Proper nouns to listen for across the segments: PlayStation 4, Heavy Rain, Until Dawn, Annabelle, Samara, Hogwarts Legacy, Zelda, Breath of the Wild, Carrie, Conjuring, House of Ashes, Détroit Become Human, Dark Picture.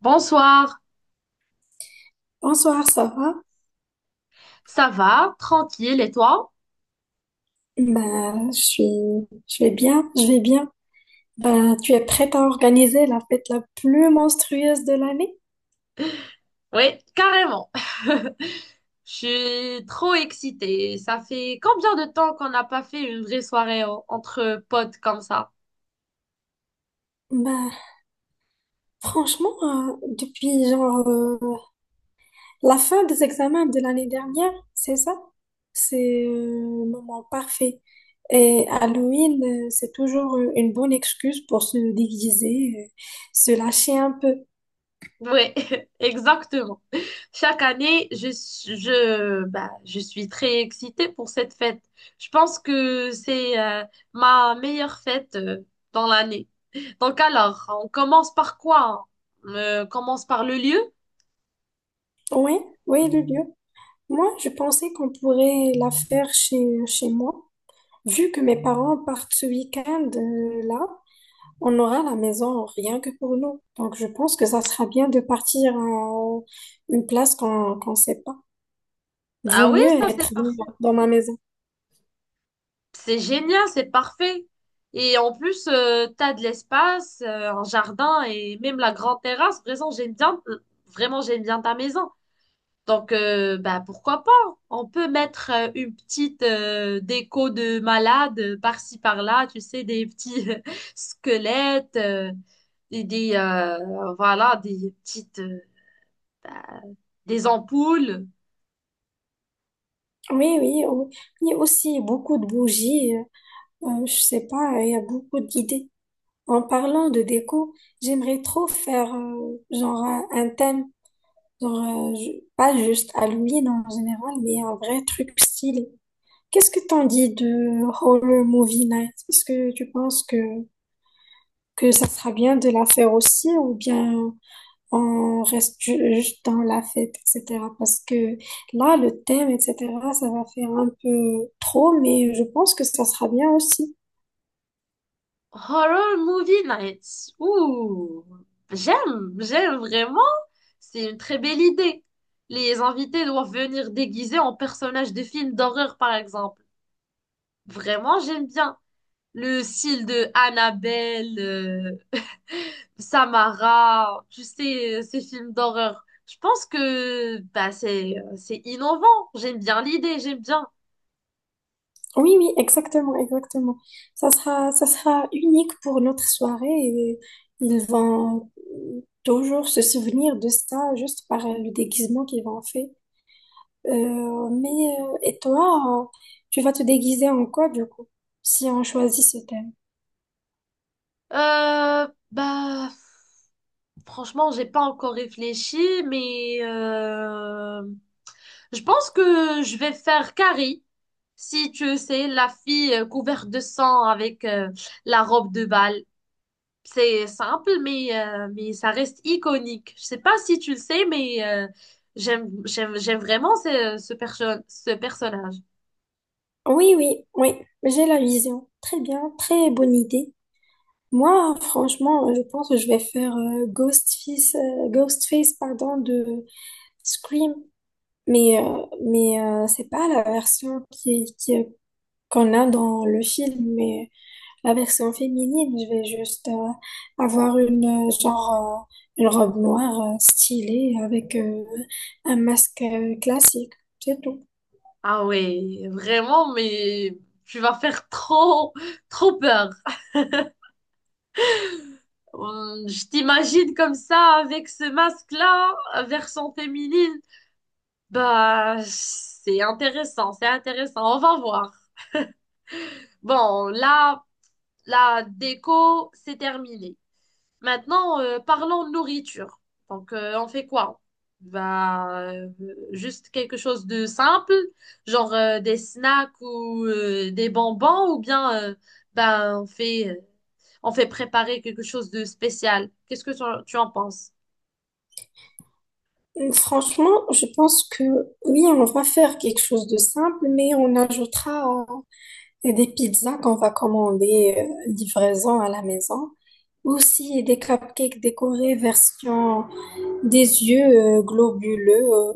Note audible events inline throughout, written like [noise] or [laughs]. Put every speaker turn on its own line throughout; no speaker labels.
Bonsoir,
Bonsoir, ça va?
ça va? Tranquille, et toi?
Bah, je vais bien, je vais bien. Bah, tu es prête à organiser la fête la plus monstrueuse de l'année?
Oui, carrément. [laughs] Je suis trop excitée. Ça fait combien de temps qu'on n'a pas fait une vraie soirée entre potes comme ça?
Bah, franchement, depuis genre la fin des examens de l'année dernière, c'est ça? C'est le moment parfait. Et Halloween, c'est toujours une bonne excuse pour se déguiser, se lâcher un peu.
Oui, [laughs] exactement. Chaque année, je suis très excitée pour cette fête. Je pense que c'est ma meilleure fête dans l'année. Donc alors, on commence par quoi? On commence par le lieu?
Oui, oui, le lieu. Moi, je pensais qu'on pourrait la faire chez moi. Vu que mes parents partent ce week-end là, on aura la maison rien que pour nous. Donc je pense que ça sera bien de partir à une place qu'on sait pas. Vaut
Ah oui,
mieux
ça c'est
être
parfait.
dans ma maison.
C'est génial, c'est parfait. Et en plus, t'as de l'espace, un jardin et même la grande terrasse. Vraiment, j'aime bien ta maison. Donc, pourquoi pas? On peut mettre une petite déco de malade par-ci, par-là, tu sais, des petits [laughs] squelettes, voilà, des petites, des ampoules.
Oui, oui, oui. Il y a aussi beaucoup de bougies. Je sais pas, il y a beaucoup d'idées. En parlant de déco, j'aimerais trop faire genre un thème, genre, pas juste Halloween en général, mais un vrai truc stylé. Qu'est-ce que t'en dis de Horror Movie Night? Est-ce que tu penses que ça sera bien de la faire aussi ou bien on reste juste dans la fête, etc. Parce que là, le thème, etc., ça va faire un peu trop, mais je pense que ça sera bien aussi.
Horror Movie Nights. Ouh, j'aime vraiment. C'est une très belle idée. Les invités doivent venir déguisés en personnages de films d'horreur, par exemple. Vraiment, j'aime bien le style de Annabelle, [laughs] Samara, tu sais, ces films d'horreur. Je pense que c'est innovant. J'aime bien l'idée, j'aime bien.
Oui, oui, exactement, exactement. Ça sera unique pour notre soirée et ils vont toujours se souvenir de ça juste par le déguisement qu'ils vont faire. Mais et toi, tu vas te déguiser en quoi du coup, si on choisit ce thème?
Euh, bah, Franchement, j'ai pas encore réfléchi, mais je pense que je vais faire Carrie, si tu sais, la fille couverte de sang avec la robe de bal. C'est simple, mais ça reste iconique. Je sais pas si tu le sais, mais j'aime vraiment ce personnage.
Oui, oui, oui, j'ai la vision. Très bien, très bonne idée. Moi, franchement, je pense que je vais faire Ghostface, pardon, de Scream. Mais c'est pas la version qu'on a dans le film, mais la version féminine, je vais juste avoir une robe noire stylée avec un masque classique, c'est tout.
Ah ouais, vraiment, mais tu vas faire trop peur. Je t'imagine comme ça, avec ce masque-là, version féminine. Bah, c'est intéressant, c'est intéressant. On va voir. Bon, là, la déco, c'est terminé. Maintenant, parlons nourriture. Donc, on fait quoi? Bah, euh, Juste quelque chose de simple, genre des snacks ou des bonbons, ou bien, on on fait préparer quelque chose de spécial. Qu'est-ce que tu en penses?
Franchement, je pense que oui, on va faire quelque chose de simple, mais on ajoutera des pizzas qu'on va commander livraison à la maison. Aussi des cupcakes décorés version des yeux globuleux.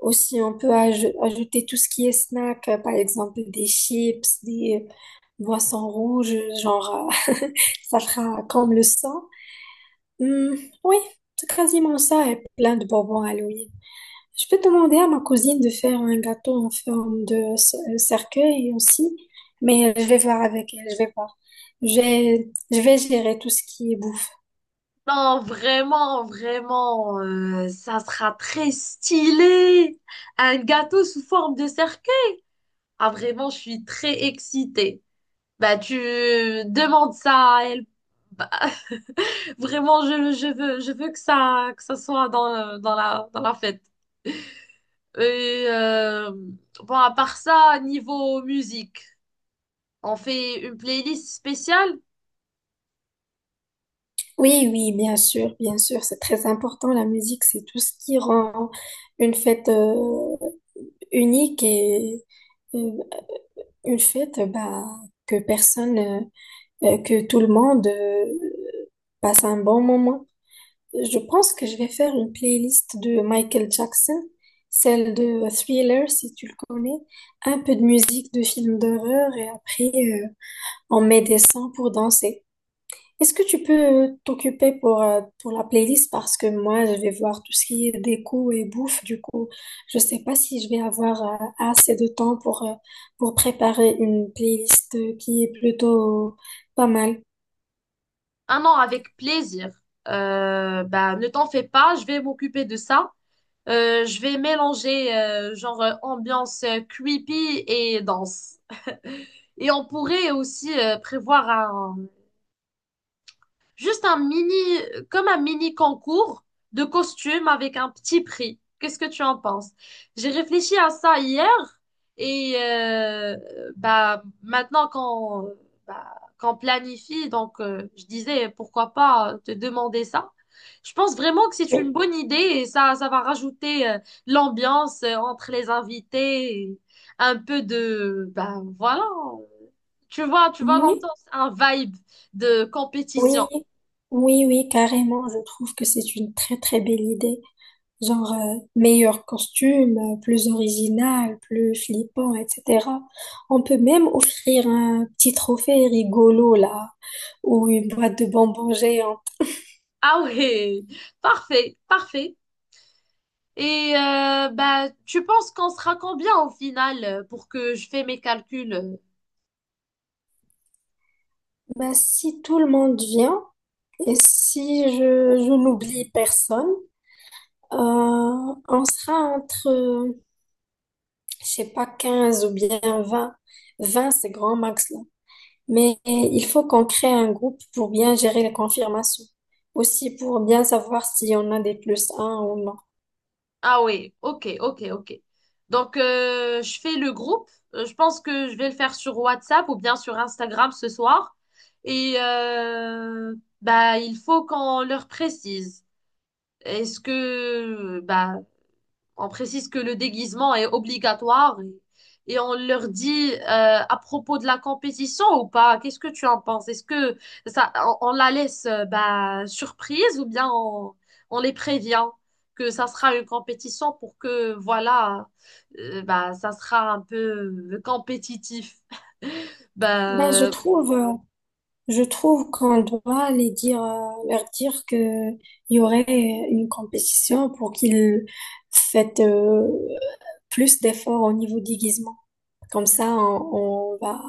Aussi, on peut ajouter tout ce qui est snack, par exemple des chips, des boissons rouges, genre [laughs] ça fera comme le sang. Hmm, oui, c'est quasiment ça et plein de bonbons Halloween. Je peux demander à ma cousine de faire un gâteau en forme de cercueil aussi, mais je vais voir avec elle, je vais voir. Je vais gérer tout ce qui est bouffe.
Non, vraiment, vraiment, ça sera très stylé. Un gâteau sous forme de cercueil. Ah, vraiment, je suis très excitée. Bah, tu demandes ça à elle. Bah, [laughs] vraiment, je veux que ça soit dans la fête. Et bon, à part ça, niveau musique, on fait une playlist spéciale?
Oui, oui, bien sûr, c'est très important. La musique, c'est tout ce qui rend une fête unique et euh, une fête bah, que personne, euh, que tout le monde passe un bon moment. Je pense que je vais faire une playlist de Michael Jackson, celle de Thriller, si tu le connais, un peu de musique de films d'horreur et après on met des sons pour danser. Est-ce que tu peux t'occuper pour la playlist parce que moi, je vais voir tout ce qui est déco et bouffe. Du coup, je sais pas si je vais avoir assez de temps pour préparer une playlist qui est plutôt pas mal.
Ah non, avec plaisir. Ne t'en fais pas, je vais m'occuper de ça. Je vais mélanger ambiance creepy et danse. [laughs] Et on pourrait aussi prévoir Juste un mini, comme un mini concours de costumes avec un petit prix. Qu'est-ce que tu en penses? J'ai réfléchi à ça hier et maintenant qu'on planifie, donc je disais pourquoi pas te demander ça. Je pense vraiment que c'est une
Oui,
bonne idée et ça va rajouter l'ambiance entre les invités, et un peu de, bah voilà, tu vois
oui,
l'ambiance, un vibe de
oui,
compétition.
oui, oui, carrément. Je trouve que c'est une très, très belle idée. Genre, meilleur costume, plus original, plus flippant, etc. On peut même offrir un petit trophée rigolo, là, ou une boîte de bonbons géante.
Ah ouais, parfait, parfait. Et tu penses qu'on sera combien au final pour que je fais mes calculs?
Bah, si tout le monde vient, et si je n'oublie personne, on sera entre, je sais pas, 15 ou bien 20, 20 c'est grand max. Mais il faut qu'on crée un groupe pour bien gérer les confirmations. Aussi pour bien savoir si on a des plus un ou non.
Ah ouais, ok, ok, ok. Donc, je fais le groupe. Je pense que je vais le faire sur WhatsApp ou bien sur Instagram ce soir. Et bah, il faut qu'on leur précise. Est-ce que bah, On précise que le déguisement est obligatoire et on leur dit à propos de la compétition ou pas, qu'est-ce que tu en penses? Est-ce que ça, on la laisse surprise ou bien on les prévient que ça sera une compétition pour que, voilà, ça sera un peu compétitif? [laughs]
Ben,
Ben
je trouve qu'on doit leur dire que il y aurait une compétition pour qu'ils fassent plus d'efforts au niveau déguisement. Comme ça,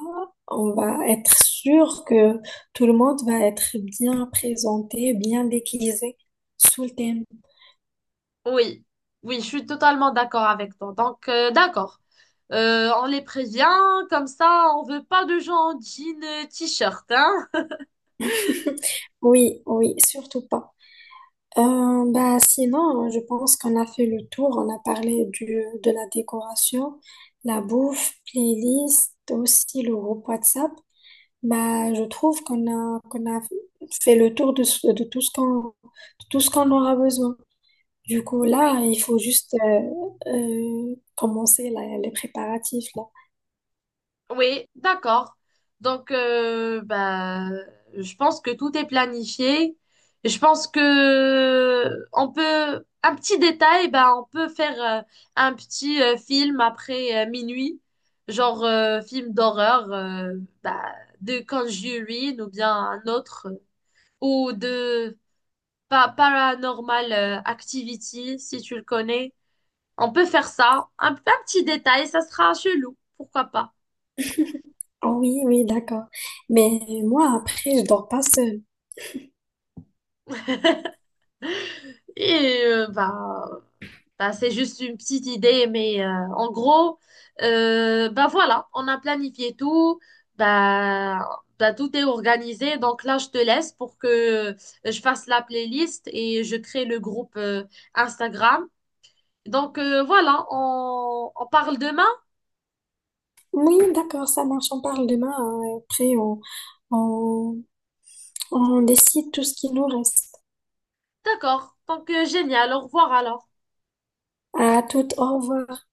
on va être sûr que tout le monde va être bien présenté, bien déguisé sous le thème.
Oui, oui, je suis totalement d'accord avec toi. Donc, d'accord. On les prévient, comme ça, on veut pas de gens en jean, t-shirt, hein?
Oui, oui, surtout pas. Bah, sinon, je pense qu'on a fait le tour. On a parlé de la décoration, la bouffe, playlist, aussi le groupe WhatsApp. Bah, je trouve qu'on a fait le tour de tout ce de tout ce qu'on aura besoin. Du coup, là,
[laughs]
il faut juste commencer les préparatifs, là.
Oui, d'accord. Donc, je pense que tout est planifié. Je pense que on peut, un petit détail, bah, on peut faire un petit film après minuit, genre film d'horreur, bah, de Conjuring ou bien un autre. ou de Paranormal Activity, si tu le connais. On peut faire ça. Un petit détail, ça sera chelou, pourquoi pas.
Ah oui, oui, d'accord. Mais moi, après, je dors pas seule.
Et c'est juste une petite idée, mais en gros, voilà, on a planifié tout. Bah, Tout est organisé. Donc là, je te laisse pour que euh, je fasse la playlist et je crée le groupe Instagram. Donc voilà, on parle demain.
Oui, d'accord, ça marche. On parle demain, hein. Et après, on, on décide tout ce qui nous reste.
D'accord. Donc, génial. Au revoir alors.
À toute, au revoir.